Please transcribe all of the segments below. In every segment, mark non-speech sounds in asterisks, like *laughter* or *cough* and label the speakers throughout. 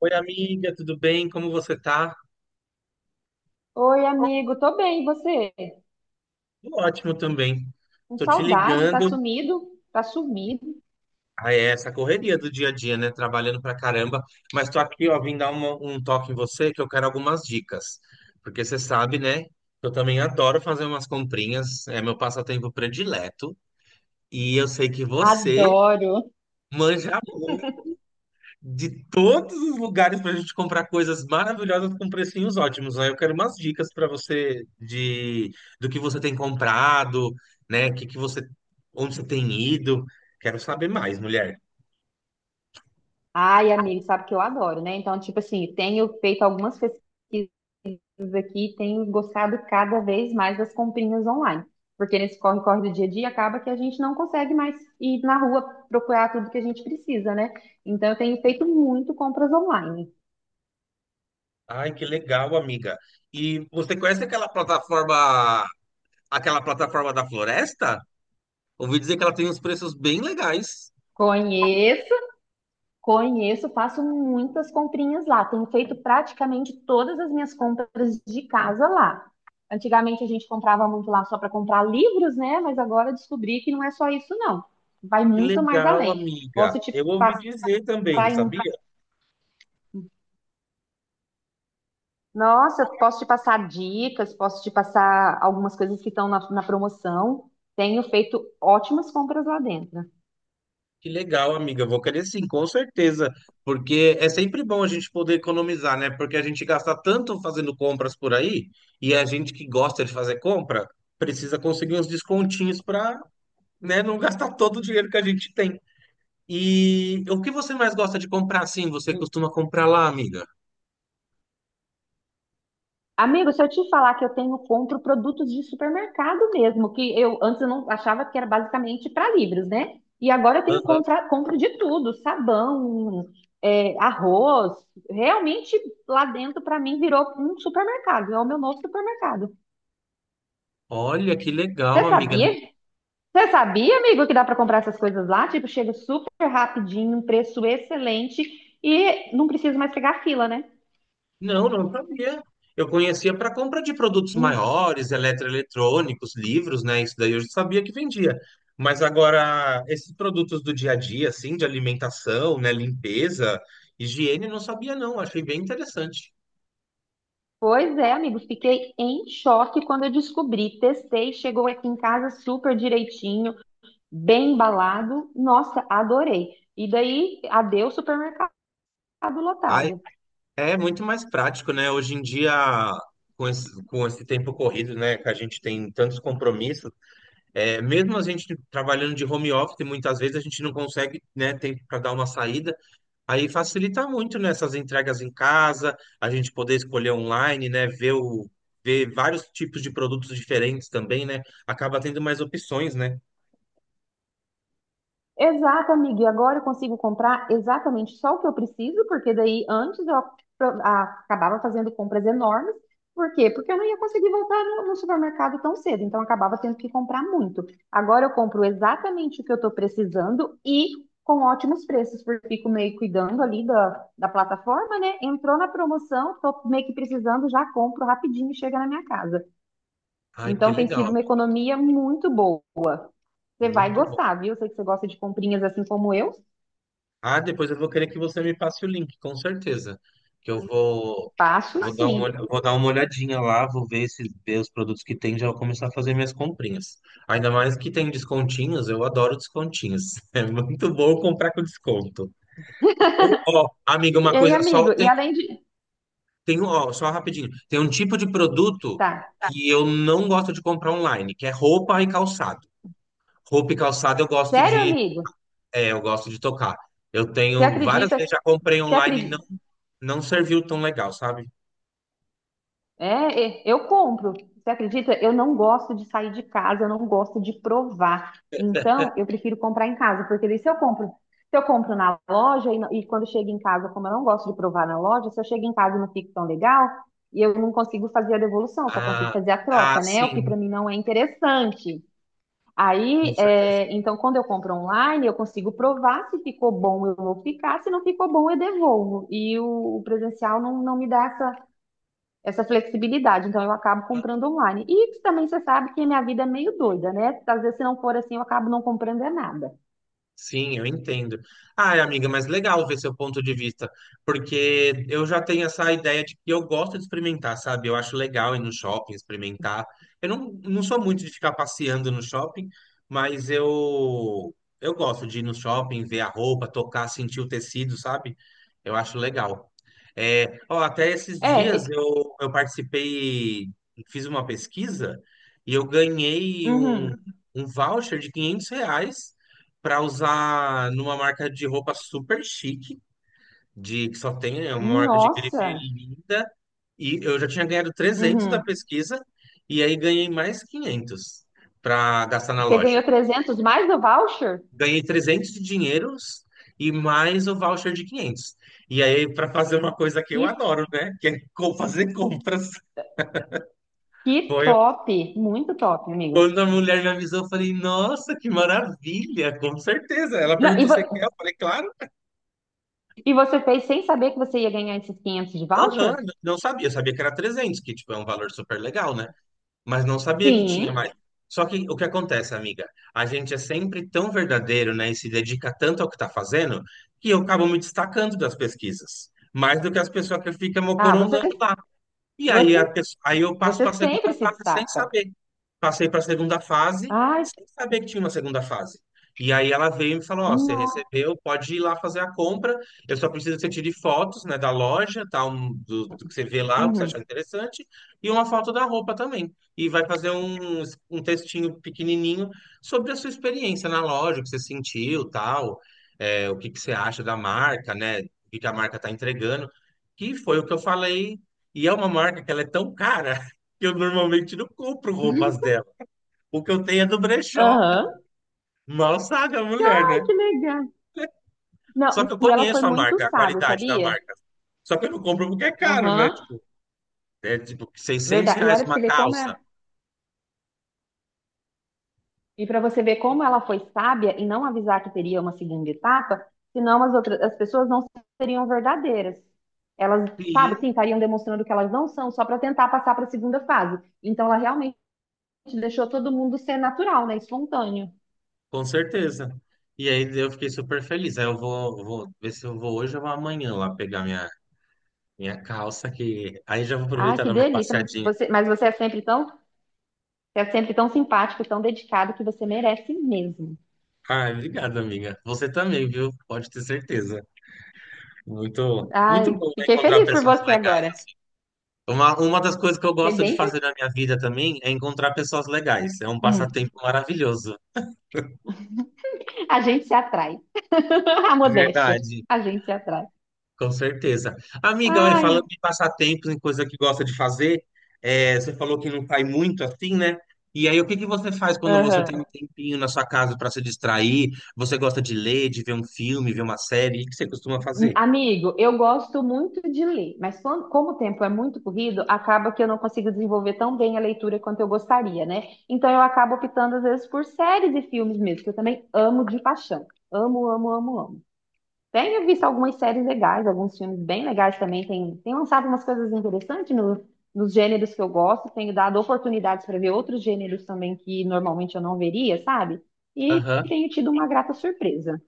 Speaker 1: Oi, amiga, tudo bem? Como você tá?
Speaker 2: Oi, amigo, tô bem, e você?
Speaker 1: Tô ótimo também.
Speaker 2: Com
Speaker 1: Tô te
Speaker 2: saudade, tá
Speaker 1: ligando.
Speaker 2: sumido? Tá sumido.
Speaker 1: Ah, é essa correria do dia a dia, né? Trabalhando pra caramba. Mas tô aqui, ó, vim dar um toque em você que eu quero algumas dicas. Porque você sabe, né? Eu também adoro fazer umas comprinhas. É meu passatempo predileto. E eu sei que você
Speaker 2: Adoro.
Speaker 1: manja de todos os lugares para a gente comprar coisas maravilhosas com precinhos ótimos. Aí eu quero umas dicas para você de do que você tem comprado, né? Onde você tem ido. Quero saber mais, mulher.
Speaker 2: Ai, amigo, sabe que eu adoro, né? Então, tipo assim, tenho feito algumas pesquisas aqui, tenho gostado cada vez mais das comprinhas online. Porque nesse corre-corre do dia a dia acaba que a gente não consegue mais ir na rua procurar tudo que a gente precisa, né? Então, eu tenho feito muito compras online.
Speaker 1: Ai, que legal, amiga. E você conhece aquela plataforma da Floresta? Ouvi dizer que ela tem uns preços bem legais.
Speaker 2: Conheço. Conheço, faço muitas comprinhas lá. Tenho feito praticamente todas as minhas compras de casa lá. Antigamente a gente comprava muito lá só para comprar livros, né? Mas agora eu descobri que não é só isso, não. Vai
Speaker 1: Que
Speaker 2: muito mais
Speaker 1: legal,
Speaker 2: além.
Speaker 1: amiga.
Speaker 2: Posso te
Speaker 1: Eu ouvi
Speaker 2: passar
Speaker 1: dizer também,
Speaker 2: em...
Speaker 1: sabia?
Speaker 2: Nossa, posso te passar dicas, posso te passar algumas coisas que estão na promoção. Tenho feito ótimas compras lá dentro.
Speaker 1: Que legal, amiga. Eu vou querer sim, com certeza. Porque é sempre bom a gente poder economizar, né? Porque a gente gasta tanto fazendo compras por aí, e a gente que gosta de fazer compra precisa conseguir uns descontinhos para, né, não gastar todo o dinheiro que a gente tem. E o que você mais gosta de comprar assim? Você costuma comprar lá, amiga?
Speaker 2: Amigo, se eu te falar que eu tenho compro produtos de supermercado mesmo, que eu antes eu não achava que era basicamente para livros, né? E agora eu tenho
Speaker 1: Aham.
Speaker 2: compra, compro de tudo, sabão, arroz. Realmente lá dentro para mim virou um supermercado, é o meu novo supermercado.
Speaker 1: Olha, que legal,
Speaker 2: Você
Speaker 1: amiga.
Speaker 2: sabia? Você sabia, amigo, que dá para comprar essas coisas lá? Tipo, chega super rapidinho, um preço excelente e não preciso mais pegar fila, né?
Speaker 1: Não, não sabia. Eu conhecia para compra de produtos maiores, eletroeletrônicos, livros, né? Isso daí eu já sabia que vendia. Mas agora, esses produtos do dia a dia, assim, de alimentação, né? Limpeza, higiene, não sabia, não. Achei bem interessante.
Speaker 2: Pois é, amigo, fiquei em choque quando eu descobri. Testei, chegou aqui em casa super direitinho, bem embalado. Nossa, adorei. E daí, adeus supermercado
Speaker 1: Ai,
Speaker 2: lotado.
Speaker 1: é muito mais prático, né? Hoje em dia, com esse tempo corrido, né? Que a gente tem tantos compromissos, é, mesmo a gente trabalhando de home office, muitas vezes a gente não consegue, né? Tempo para dar uma saída. Aí facilita muito nessas entregas em casa, a gente poder escolher online, né? Ver vários tipos de produtos diferentes também, né? Acaba tendo mais opções, né?
Speaker 2: Exato, amiga. E agora eu consigo comprar exatamente só o que eu preciso, porque daí antes eu acabava fazendo compras enormes. Por quê? Porque eu não ia conseguir voltar no supermercado tão cedo, então eu acabava tendo que comprar muito. Agora eu compro exatamente o que eu estou precisando e com ótimos preços, porque eu fico meio cuidando ali da plataforma, né? Entrou na promoção, estou meio que precisando, já compro rapidinho e chega na minha casa.
Speaker 1: Ai, que
Speaker 2: Então tem
Speaker 1: legal,
Speaker 2: sido uma
Speaker 1: amigo.
Speaker 2: economia muito boa. Você vai
Speaker 1: Muito bom.
Speaker 2: gostar, viu? Eu sei que você gosta de comprinhas assim como eu.
Speaker 1: Ah, depois eu vou querer que você me passe o link, com certeza. Que eu
Speaker 2: Faço sim.
Speaker 1: vou dar uma olhadinha lá, vou ver os produtos que tem, já vou começar a fazer minhas comprinhas. Ainda mais que tem descontinhos, eu adoro descontinhos. *laughs* É muito bom comprar com desconto. Ô, ó, amiga, uma
Speaker 2: Ei,
Speaker 1: coisa só,
Speaker 2: amigo, e além de.
Speaker 1: Ó, só rapidinho. Tem um tipo de produto.
Speaker 2: Tá.
Speaker 1: Tá. Que eu não gosto de comprar online, que é roupa e calçado. Roupa e calçado
Speaker 2: Sério, amigo?
Speaker 1: eu gosto de tocar. Eu
Speaker 2: Você
Speaker 1: tenho várias
Speaker 2: acredita?
Speaker 1: vezes já comprei
Speaker 2: Você
Speaker 1: online e não,
Speaker 2: acredita?
Speaker 1: não serviu tão legal, sabe?
Speaker 2: Eu compro. Você acredita? Eu não gosto de sair de casa, eu não gosto de provar. Então, eu prefiro comprar em casa, porque daí se eu compro na loja e, não- e quando chego em casa, como eu não gosto de provar na loja, se eu chego em casa e não fico tão legal, e eu não consigo fazer a devolução, eu só consigo
Speaker 1: Ah,
Speaker 2: fazer a
Speaker 1: ah,
Speaker 2: troca, né? O que
Speaker 1: sim,
Speaker 2: para mim não é interessante.
Speaker 1: com certeza.
Speaker 2: Então, quando eu compro online, eu consigo provar se ficou bom, eu vou ficar, se não ficou bom, eu devolvo. E o presencial não, não me dá essa flexibilidade, então eu acabo comprando online. E também você sabe que a minha vida é meio doida, né? Às vezes, se não for assim, eu acabo não comprando é nada.
Speaker 1: Sim, eu entendo. Ai, amiga, mas legal ver seu ponto de vista, porque eu já tenho essa ideia de que eu gosto de experimentar, sabe? Eu acho legal ir no shopping, experimentar. Eu não sou muito de ficar passeando no shopping, mas eu gosto de ir no shopping, ver a roupa, tocar, sentir o tecido, sabe? Eu acho legal. É, ó, até esses
Speaker 2: É,
Speaker 1: dias
Speaker 2: é,
Speaker 1: eu participei, fiz uma pesquisa e eu ganhei um,
Speaker 2: uhum.
Speaker 1: um voucher de 500 reais para usar numa marca de roupa super chique, de que só tem é uma marca de grife
Speaker 2: Nossa,
Speaker 1: linda, e eu já tinha ganhado 300 da
Speaker 2: uhum.
Speaker 1: pesquisa, e aí ganhei mais 500 para gastar na
Speaker 2: Você ganhou
Speaker 1: loja.
Speaker 2: 300 mais do voucher?
Speaker 1: Ganhei 300 de dinheiros e mais o voucher de 500. E aí, para fazer uma coisa que eu
Speaker 2: Que,
Speaker 1: adoro, né? Que é fazer compras.
Speaker 2: que
Speaker 1: Foi
Speaker 2: top, muito top, amigo.
Speaker 1: quando a mulher me avisou, eu falei, nossa, que maravilha, com certeza. Ela
Speaker 2: Não, e,
Speaker 1: perguntou, você quer?
Speaker 2: vo-
Speaker 1: Eu falei, claro.
Speaker 2: E você fez sem saber que você ia ganhar esses 500 de
Speaker 1: Aham,
Speaker 2: voucher?
Speaker 1: não sabia. Eu sabia que era 300, que tipo, é um valor super legal, né? Mas não sabia que tinha mais.
Speaker 2: Sim.
Speaker 1: Só que o que acontece, amiga? A gente é sempre tão verdadeiro, né? E se dedica tanto ao que tá fazendo, que eu acabo me destacando das pesquisas. Mais do que as pessoas que ficam
Speaker 2: Ah, você,
Speaker 1: mocorongando. E aí,
Speaker 2: você,
Speaker 1: aí eu passo para
Speaker 2: você
Speaker 1: a segunda
Speaker 2: sempre se
Speaker 1: fase sem
Speaker 2: destaca.
Speaker 1: saber. Passei para a segunda fase
Speaker 2: Ai,
Speaker 1: sem saber que tinha uma segunda fase. E aí ela veio e me falou, ó, você
Speaker 2: nossa.
Speaker 1: recebeu, pode ir lá fazer a compra. Eu só preciso que você tire fotos, né, da loja, tal, do que você vê lá, o que você achar
Speaker 2: Uhum.
Speaker 1: interessante, e uma foto da roupa também. E vai fazer um textinho pequenininho sobre a sua experiência na loja, o que você sentiu, tal, é, o que que você acha da marca, né, o que que a marca está entregando, que foi o que eu falei, e é uma marca que ela é tão cara *laughs* que eu normalmente não compro roupas
Speaker 2: *laughs*
Speaker 1: dela. O que eu tenho é do brechó.
Speaker 2: Aham.
Speaker 1: Mal sabe a mulher,
Speaker 2: Ai,
Speaker 1: né?
Speaker 2: que legal.
Speaker 1: Só
Speaker 2: Não,
Speaker 1: que eu
Speaker 2: e ela foi
Speaker 1: conheço a
Speaker 2: muito
Speaker 1: marca, a
Speaker 2: sábia,
Speaker 1: qualidade da
Speaker 2: sabia?
Speaker 1: marca. Só que eu não compro porque é caro, né?
Speaker 2: Aham.
Speaker 1: Tipo, é tipo 600
Speaker 2: Verdade. E
Speaker 1: reais
Speaker 2: olha pra
Speaker 1: uma
Speaker 2: você ver como
Speaker 1: calça.
Speaker 2: é. E para você ver como ela foi sábia em não avisar que teria uma segunda etapa, senão as pessoas não seriam verdadeiras. Elas, sabe, sim,
Speaker 1: Sim,
Speaker 2: estariam demonstrando que elas não são só para tentar passar para a segunda fase. Então ela realmente deixou todo mundo ser natural, né? Espontâneo.
Speaker 1: com certeza. E aí eu fiquei super feliz. Aí eu vou ver se eu vou hoje ou amanhã lá pegar minha calça, que aí já vou
Speaker 2: Ah,
Speaker 1: aproveitar e
Speaker 2: que
Speaker 1: dar uma
Speaker 2: delícia.
Speaker 1: passeadinha.
Speaker 2: Mas você é sempre tão, você é sempre tão simpático, tão dedicado que você merece mesmo.
Speaker 1: Ah, obrigado, amiga. Você também, viu? Pode ter certeza. Muito, muito
Speaker 2: Ai,
Speaker 1: bom, né,
Speaker 2: fiquei
Speaker 1: encontrar
Speaker 2: feliz por
Speaker 1: pessoas
Speaker 2: você
Speaker 1: legais,
Speaker 2: agora.
Speaker 1: assim. Uma das coisas que eu
Speaker 2: Fiquei
Speaker 1: gosto de
Speaker 2: bem
Speaker 1: fazer
Speaker 2: feliz.
Speaker 1: na minha vida também é encontrar pessoas legais. É um
Speaker 2: Hum,
Speaker 1: passatempo maravilhoso.
Speaker 2: a gente se atrai. *laughs* A modéstia.
Speaker 1: Verdade,
Speaker 2: A gente se atrai.
Speaker 1: com certeza. Amiga, olha,
Speaker 2: Ai,
Speaker 1: falando de passatempos, em coisa que gosta de fazer, é, você falou que não sai muito assim, né? E aí, o que que você faz quando você tem um
Speaker 2: aham.
Speaker 1: tempinho na sua casa para se distrair? Você gosta de ler, de ver um filme, ver uma série? O que você costuma fazer?
Speaker 2: Amigo, eu gosto muito de ler, mas como o tempo é muito corrido, acaba que eu não consigo desenvolver tão bem a leitura quanto eu gostaria, né? Então eu acabo optando às vezes por séries e filmes mesmo, que eu também amo de paixão. Amo, amo, amo, amo. Tenho visto algumas séries legais, alguns filmes bem legais também. Tem lançado umas coisas interessantes nos gêneros que eu gosto. Tenho dado oportunidades para ver outros gêneros também que normalmente eu não veria, sabe? E
Speaker 1: Aham.
Speaker 2: tenho tido uma grata surpresa.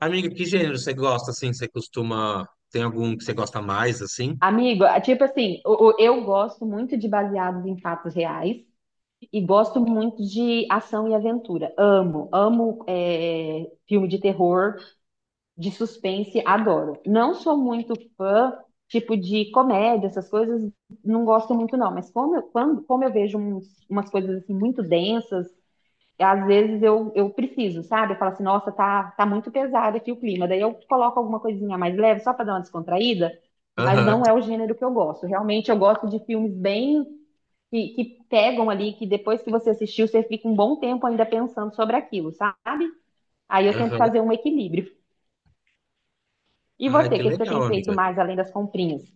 Speaker 1: Amiga, que gênero você gosta, assim? Você costuma... Tem algum que você gosta mais, assim?
Speaker 2: Amigo, eu gosto muito de baseados em fatos reais e gosto muito de ação e aventura. Amo, filme de terror. De suspense, adoro. Não sou muito fã, tipo, de comédia, essas coisas, não gosto muito, não. Mas como eu vejo umas coisas assim muito densas, às vezes eu preciso, sabe? Eu falo assim, nossa, tá muito pesado aqui o clima. Daí eu coloco alguma coisinha mais leve, só para dar uma descontraída, mas
Speaker 1: Aham,
Speaker 2: não é o gênero que eu gosto. Realmente eu gosto de filmes bem. Que pegam ali, que depois que você assistiu, você fica um bom tempo ainda pensando sobre aquilo, sabe? Aí eu tento
Speaker 1: aham.
Speaker 2: fazer um equilíbrio. E
Speaker 1: Ai,
Speaker 2: você, o
Speaker 1: que
Speaker 2: que que você
Speaker 1: legal,
Speaker 2: tem feito
Speaker 1: amiga.
Speaker 2: mais além das comprinhas?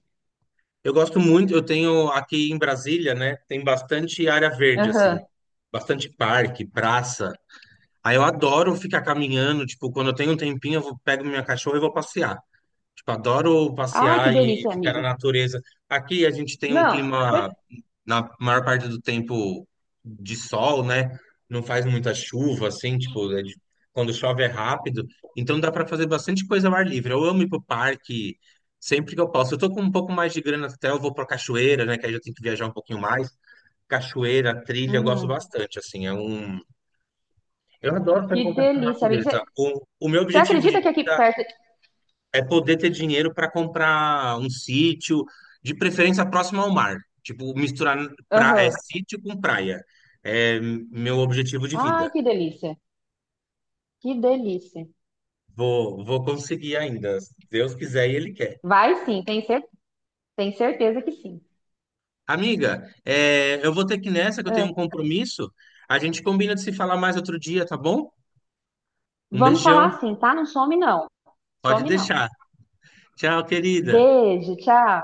Speaker 1: Eu gosto muito, eu tenho aqui em Brasília, né? Tem bastante área verde, assim,
Speaker 2: Aham.
Speaker 1: bastante parque, praça. Aí eu adoro ficar caminhando, tipo, quando eu tenho um tempinho, pego minha cachorra e vou passear. Tipo, adoro
Speaker 2: Ai, que
Speaker 1: passear e
Speaker 2: delícia,
Speaker 1: ficar na
Speaker 2: amigo.
Speaker 1: natureza. Aqui a gente tem um
Speaker 2: Não,
Speaker 1: clima,
Speaker 2: cer-
Speaker 1: na maior parte do tempo, de sol, né? Não faz muita chuva, assim, tipo, é quando chove é rápido. Então dá para fazer bastante coisa ao ar livre. Eu amo ir pro parque sempre que eu posso. Eu tô com um pouco mais de grana até, eu vou pra cachoeira, né? Que aí eu tenho que viajar um pouquinho mais. Cachoeira, trilha, eu gosto
Speaker 2: Uhum.
Speaker 1: bastante, assim. É um... Eu adoro estar em
Speaker 2: Que
Speaker 1: contato com a
Speaker 2: delícia, amigo.
Speaker 1: natureza. O meu
Speaker 2: Você
Speaker 1: objetivo de
Speaker 2: acredita que aqui perto.
Speaker 1: é poder ter dinheiro para comprar um sítio, de preferência próximo ao mar. Tipo, misturar pra, é,
Speaker 2: Aham.
Speaker 1: sítio com praia. É meu objetivo de
Speaker 2: Ai,
Speaker 1: vida.
Speaker 2: que delícia. Que delícia.
Speaker 1: Vou conseguir ainda. Se Deus quiser e Ele quer.
Speaker 2: Vai sim, tem, cer... tem certeza que sim.
Speaker 1: Amiga, é, eu vou ter que ir nessa, que eu tenho um
Speaker 2: Ah,
Speaker 1: compromisso. A gente combina de se falar mais outro dia, tá bom? Um
Speaker 2: vamos falar
Speaker 1: beijão.
Speaker 2: assim, tá? Não some, não.
Speaker 1: Pode
Speaker 2: Some, não.
Speaker 1: deixar. Tchau, querida.
Speaker 2: Beijo, tchau.